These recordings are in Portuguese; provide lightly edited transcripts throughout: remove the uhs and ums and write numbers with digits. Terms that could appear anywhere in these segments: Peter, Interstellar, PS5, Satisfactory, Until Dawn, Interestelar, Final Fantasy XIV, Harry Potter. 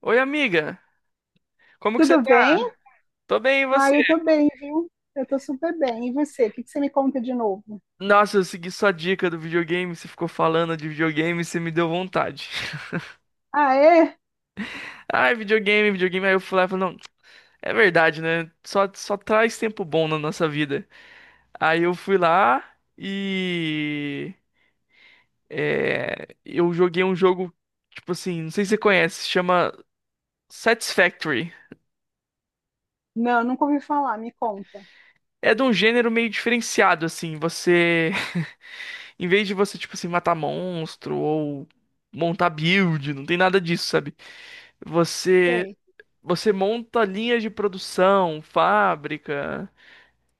Oi, amiga. Como que você Tudo bem? tá? Tô bem, e Ah, você? eu tô bem, viu? Eu tô super bem. E você? O que que você me conta de novo? Nossa, eu segui sua dica do videogame, você ficou falando de videogame, você me deu vontade. Ah, é? Ai, videogame, videogame. Aí eu fui lá e falei, não, é verdade, né? Só traz tempo bom na nossa vida. Aí eu fui lá e eu joguei um jogo, tipo assim, não sei se você conhece, chama Satisfactory. Não, nunca ouvi falar. Me conta. É de um gênero meio diferenciado, assim, em vez de você, tipo assim, matar monstro ou montar build, não tem nada disso, sabe? Você Sei. você monta linhas de produção, fábrica.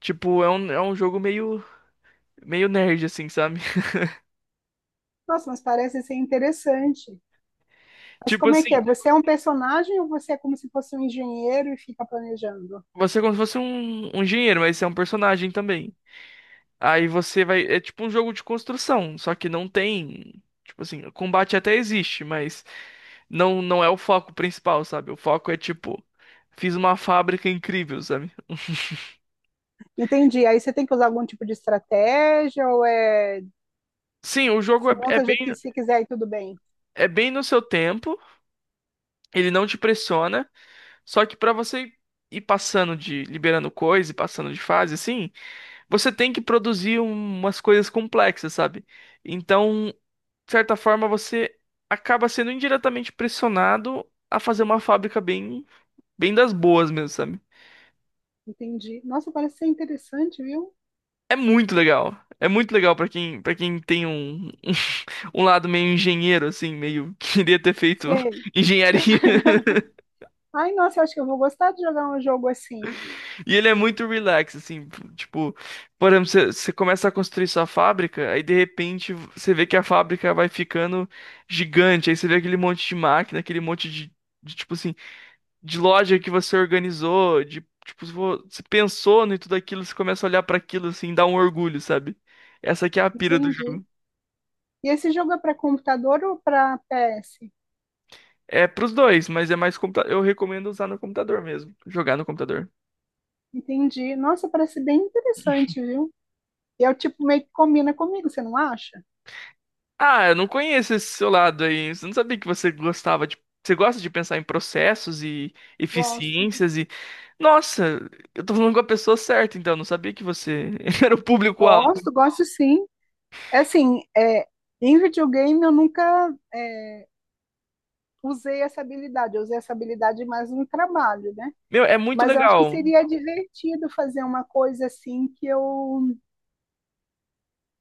Tipo, é um jogo meio nerd, assim, sabe? Nossa, mas parece ser interessante. Mas Tipo como é que é? assim, Você é um personagem ou você é como se fosse um engenheiro e fica planejando? você é como se fosse um engenheiro, mas você é um personagem também. Aí você vai. É tipo um jogo de construção, só que não tem. Tipo assim, o combate até existe, mas não é o foco principal, sabe? O foco é tipo, fiz uma fábrica incrível, sabe? Entendi. Aí você tem que usar algum tipo de estratégia ou é Sim, o jogo é, se é monta do bem, jeito que você quiser e tudo bem? é bem no seu tempo, ele não te pressiona, só que pra você ir passando de, liberando coisa e passando de fase, assim, você tem que produzir umas coisas complexas, sabe? Então, de certa forma, você acaba sendo indiretamente pressionado a fazer uma fábrica bem, bem das boas mesmo, sabe? Entendi. Nossa, parece ser interessante, viu? É muito legal. É muito legal pra para quem tem um, um lado meio engenheiro, assim, meio queria ter feito Sei. engenharia. Ai, nossa, eu acho que eu vou gostar de jogar um jogo assim. E ele é muito relax, assim, tipo, por exemplo, você começa a construir sua fábrica, aí de repente você vê que a fábrica vai ficando gigante, aí você vê aquele monte de máquina, aquele monte de, tipo assim, de loja que você organizou, de, tipo, você pensou em tudo aquilo, você começa a olhar pra aquilo, assim, dá um orgulho, sabe? Essa aqui é a pira do Entendi. jogo. E esse jogo é para computador ou para PS? É pros dois, mas é mais eu recomendo usar no computador mesmo, jogar no computador. Entendi. Nossa, parece bem interessante, viu? E é o tipo meio que combina comigo, você não acha? Ah, eu não conheço esse seu lado aí. Eu não sabia que você gostava de. Você gosta de pensar em processos e Gosto. eficiências e. Nossa, eu tô falando com a pessoa certa, então. Não sabia que você era o público-alvo. Gosto, gosto sim. É assim, em videogame eu nunca usei essa habilidade. Eu usei essa habilidade mais no trabalho, né? Meu, é muito Mas eu acho que legal. seria divertido fazer uma coisa assim que eu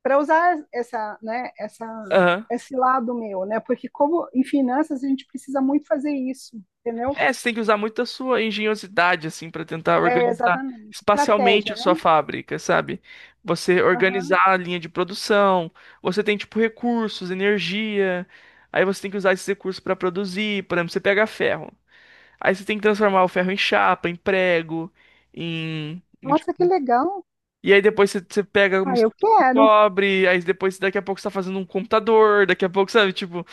para usar essa, né, essa Aham. esse lado meu, né? Porque como em finanças a gente precisa muito fazer isso, entendeu? É, você tem que usar muito a sua engenhosidade, assim, pra tentar É, organizar exatamente. espacialmente a Estratégia, né? sua fábrica, sabe? Você Aham. organizar a linha de produção, você tem, tipo, recursos, energia. Aí você tem que usar esses recursos pra produzir. Por exemplo, você pega ferro. Aí você tem que transformar o ferro em chapa, em prego, em. em- Nossa, que legal. e aí depois você pega, Ah, eu mistura com quero. cobre, aí depois daqui a pouco você tá fazendo um computador, daqui a pouco, sabe? Tipo,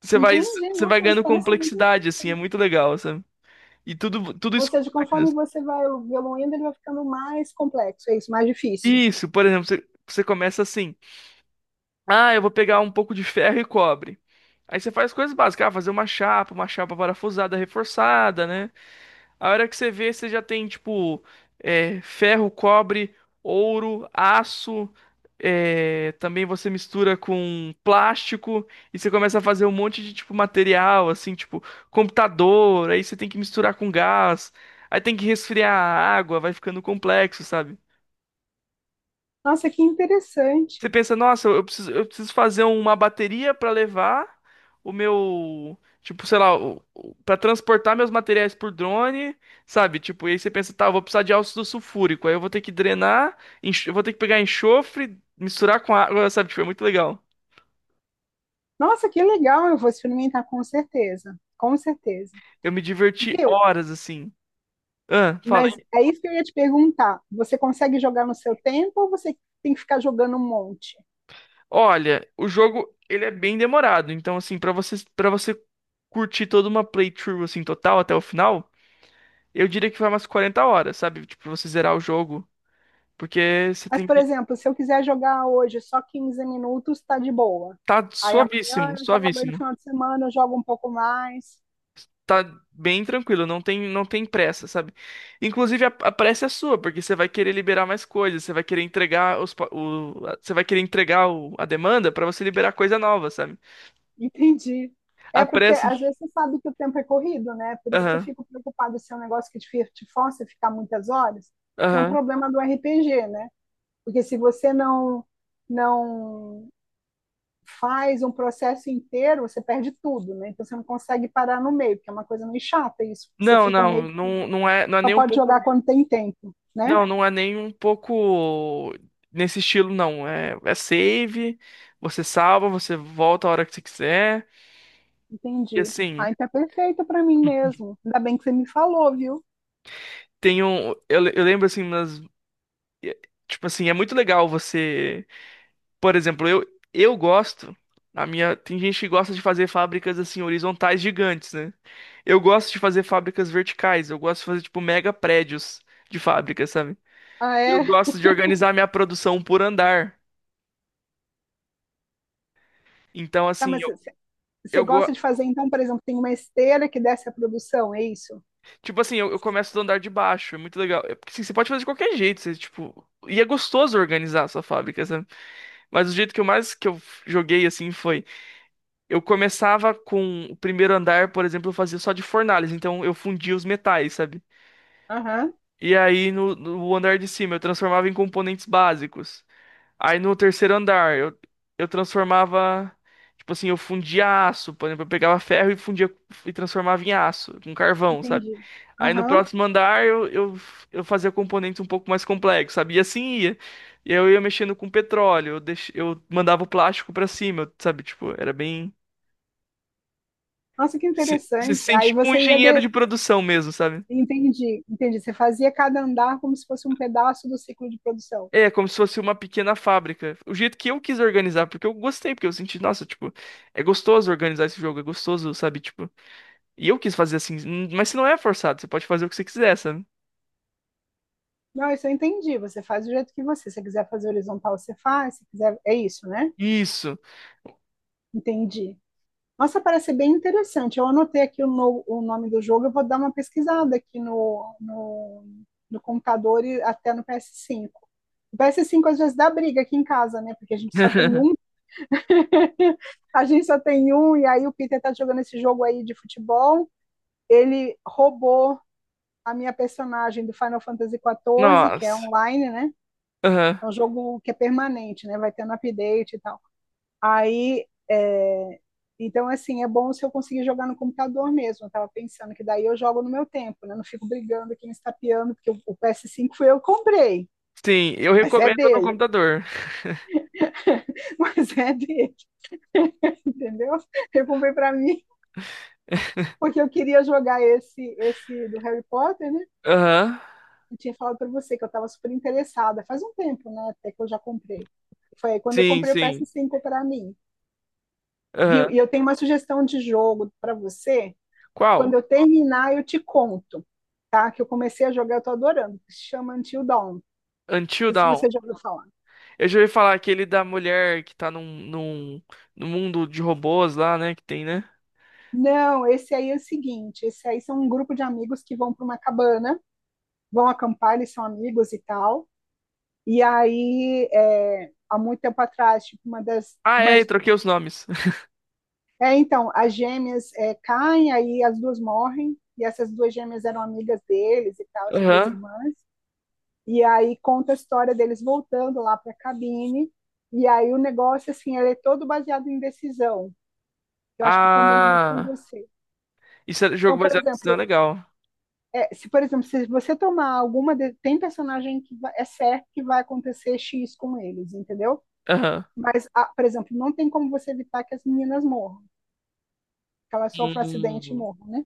você vai, Entendi. você vai Nossa, mas ganhando parece muito complexidade, assim, é interessante. muito legal, sabe? E tudo Ou isso com seja, conforme máquinas. você vai evoluindo, ele vai ficando mais complexo, é isso, mais difícil. Isso, por exemplo, você começa assim: ah, eu vou pegar um pouco de ferro e cobre. Aí você faz coisas básicas, ah, fazer uma chapa parafusada, reforçada, né? A hora que você vê, você já tem, tipo, ferro, cobre, ouro, aço. Também você mistura com plástico e você começa a fazer um monte de, tipo, material, assim, tipo, computador. Aí você tem que misturar com gás. Aí tem que resfriar a água, vai ficando complexo, sabe? Nossa, que Você interessante. pensa, nossa, eu preciso fazer uma bateria para levar o meu, tipo, sei lá, para transportar meus materiais por drone, sabe? Tipo, e aí você pensa, tá, eu vou precisar de ácido sulfúrico, aí eu vou ter que drenar, eu vou ter que pegar enxofre, misturar com água, sabe? Tipo, é muito legal. Nossa, que legal. Eu vou experimentar com certeza. Com certeza. Eu me diverti Viu? horas assim. Ah, fala Mas aí. é isso que eu ia te perguntar. Você consegue jogar no seu tempo ou você tem que ficar jogando um monte? Olha, o jogo, ele é bem demorado, então assim, para você curtir toda uma playthrough assim total até o final, eu diria que vai umas 40 horas, sabe? Tipo, pra você zerar o jogo. Porque você Mas, tem por que. exemplo, se eu quiser jogar hoje só 15 minutos, tá de boa. Tá Aí suavíssimo, amanhã eu jogo, aí no suavíssimo. final de semana eu jogo um pouco mais. Tá bem tranquilo, não tem pressa, sabe? Inclusive, a pressa é sua, porque você vai querer liberar mais coisas, você vai querer entregar os, pa- o, a- você vai querer entregar o- a demanda pra você liberar coisa nova, sabe? Entendi. É A porque pressa. às vezes você sabe que o tempo é corrido, né? Por isso que eu Aham, fico preocupada se é um negócio que te força a ficar muitas horas, se é um aham. problema do RPG, né? Porque se você não faz um processo inteiro, você perde tudo, né? Então você não consegue parar no meio, porque é uma coisa meio chata isso. Você Não, fica não, meio não, não é, não é só nem um pode jogar pouco. quando tem tempo, né? Não, não é nem um pouco nesse estilo, não. É save, você salva, você volta a hora que você quiser. E Entendi. assim. Ah, então é perfeito pra mim mesmo. Ainda bem que você me falou, viu? Tem um, eu, eu lembro assim, e- tipo assim, é muito legal você. Por exemplo, eu gosto. A minha. Tem gente que gosta de fazer fábricas assim, horizontais gigantes, né? Eu gosto de fazer fábricas verticais. Eu gosto de fazer, tipo, mega prédios de fábricas, sabe? Ah, Eu é? gosto de organizar minha produção por andar. Então, Tá, assim, mas você eu go... gosta de fazer, então, por exemplo, tem uma esteira que desce a produção, é isso? tipo assim, eu começo do andar de baixo. É muito legal. É porque assim, você pode fazer de qualquer jeito. Você, tipo, e é gostoso organizar a sua fábrica, sabe? Mas o jeito que eu mais que eu joguei assim foi. Eu começava com o primeiro andar, por exemplo, eu fazia só de fornalhas, então eu fundia os metais, sabe? Aham, E aí no andar de cima eu transformava em componentes básicos. Aí no terceiro andar eu transformava, tipo assim, eu fundia aço, por exemplo, eu pegava ferro e fundia e transformava em aço, com carvão, sabe? entendi. Aí no Aham. próximo andar eu fazia componentes um pouco mais complexos, sabe? E assim ia. E aí eu ia mexendo com petróleo, eu mandava o plástico pra cima, sabe? Tipo, era bem. Nossa, que Se, você se interessante. sente Aí tipo um você ia engenheiro de... de produção mesmo, sabe? Entendi, entendi. Você fazia cada andar como se fosse um pedaço do ciclo de produção. É, como se fosse uma pequena fábrica. O jeito que eu quis organizar, porque eu gostei, porque eu senti, nossa, tipo, é gostoso organizar esse jogo, é gostoso, sabe? Tipo, e eu quis fazer assim, mas se não é forçado, você pode fazer o que você quiser, sabe? Não, isso eu entendi. Você faz do jeito que você. Se você quiser fazer horizontal, você faz. Se quiser, é isso, né? Isso. Entendi. Nossa, parece bem interessante. Eu anotei aqui o, no- o nome do jogo, eu vou dar uma pesquisada aqui no computador e até no PS5. O PS5 às vezes dá briga aqui em casa, né? Porque a gente só tem um, e aí o Peter tá jogando esse jogo aí de futebol. Ele roubou a minha personagem do Final Fantasy XIV, que é Nossa. online, né? Aham. É um jogo que é permanente, né? Vai tendo update e tal. Aí, é, então, assim, é bom se eu conseguir jogar no computador mesmo. Eu estava pensando que daí eu jogo no meu tempo, né? Não fico brigando aqui, me estapeando, porque o PS5 foi eu que comprei, Sim, eu mas é recomendo no dele, computador. mas é dele, entendeu? Eu comprei para mim, porque eu queria jogar esse do Harry Potter, né? Aham. Eu tinha falado para você que eu estava super interessada, faz um tempo, né? Até que eu já comprei. Foi aí quando eu Sim, comprei o sim. PS5 para mim, viu? Aham. E eu tenho uma sugestão de jogo para você. Quando Qual? eu terminar, eu te conto, tá? Que eu comecei a jogar, eu tô adorando. Se chama Until Dawn. Não Until sei se Dawn. você já ouviu falar. Eu já ouvi falar aquele da mulher que tá num mundo de robôs lá, né? Que tem, né? Não, esse aí é o seguinte, esse aí são um grupo de amigos que vão para uma cabana, vão acampar, eles são amigos e tal. E aí, é, há muito tempo atrás, tipo, uma das, Ah, uma, é, eu troquei os nomes. é, então, as gêmeas caem, aí as duas morrem, e essas duas gêmeas eram amigas deles e tal, essas duas Aham. irmãs. E aí conta a história deles voltando lá para a cabine. E aí o negócio, assim, ele é todo baseado em decisão. Eu acho que combina muito com Ah, você. isso é jogo Então, por baseado em sinal exemplo, legal. Se você tomar tem personagem é certo que vai acontecer X com eles, entendeu? Aham. Mas, ah, por exemplo, não tem como você evitar que as meninas morram, que elas sofram acidente e Hum. morram, né?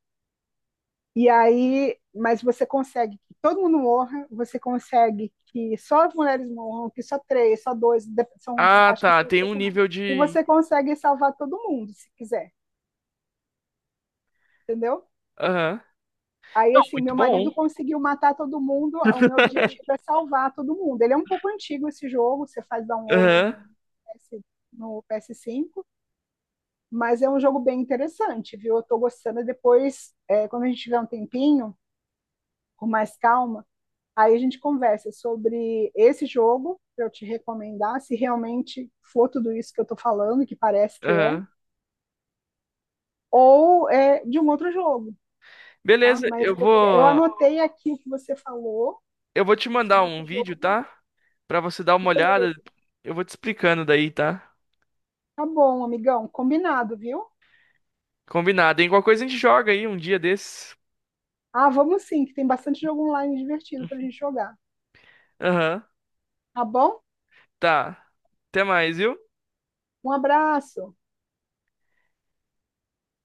E aí, mas você consegue que todo mundo morra, você consegue que só as mulheres morram, que só três, só dois, de- são, Ah, acho que tá, são tem um impressionantes. nível E de. você consegue salvar todo mundo, se quiser, entendeu? Aham. Aí, Não, assim, muito meu marido bom. conseguiu matar todo mundo, o meu objetivo é salvar todo mundo. Ele é um pouco antigo esse jogo, você faz download Aham, PS, no PS5, mas é um jogo bem interessante, viu? Eu tô gostando. Depois, é, quando a gente tiver um tempinho, com mais calma, aí a gente conversa sobre esse jogo, para eu te recomendar, se realmente for tudo isso que eu estou falando, que parece que é, aham. ou é de um outro jogo, tá? Beleza, Mas eu eu vou. anotei aqui o que você falou Eu vou te mandar sobre esse um vídeo, jogo, tá? Pra você dar uma olhada. beleza. Eu vou te explicando daí, tá? Tá bom, amigão, combinado, viu? Combinado, hein? Qualquer coisa a gente joga aí um dia desses. Ah, vamos sim, que tem bastante jogo online divertido para a gente jogar. Aham, Tá bom? tá. Até mais, viu? Um abraço!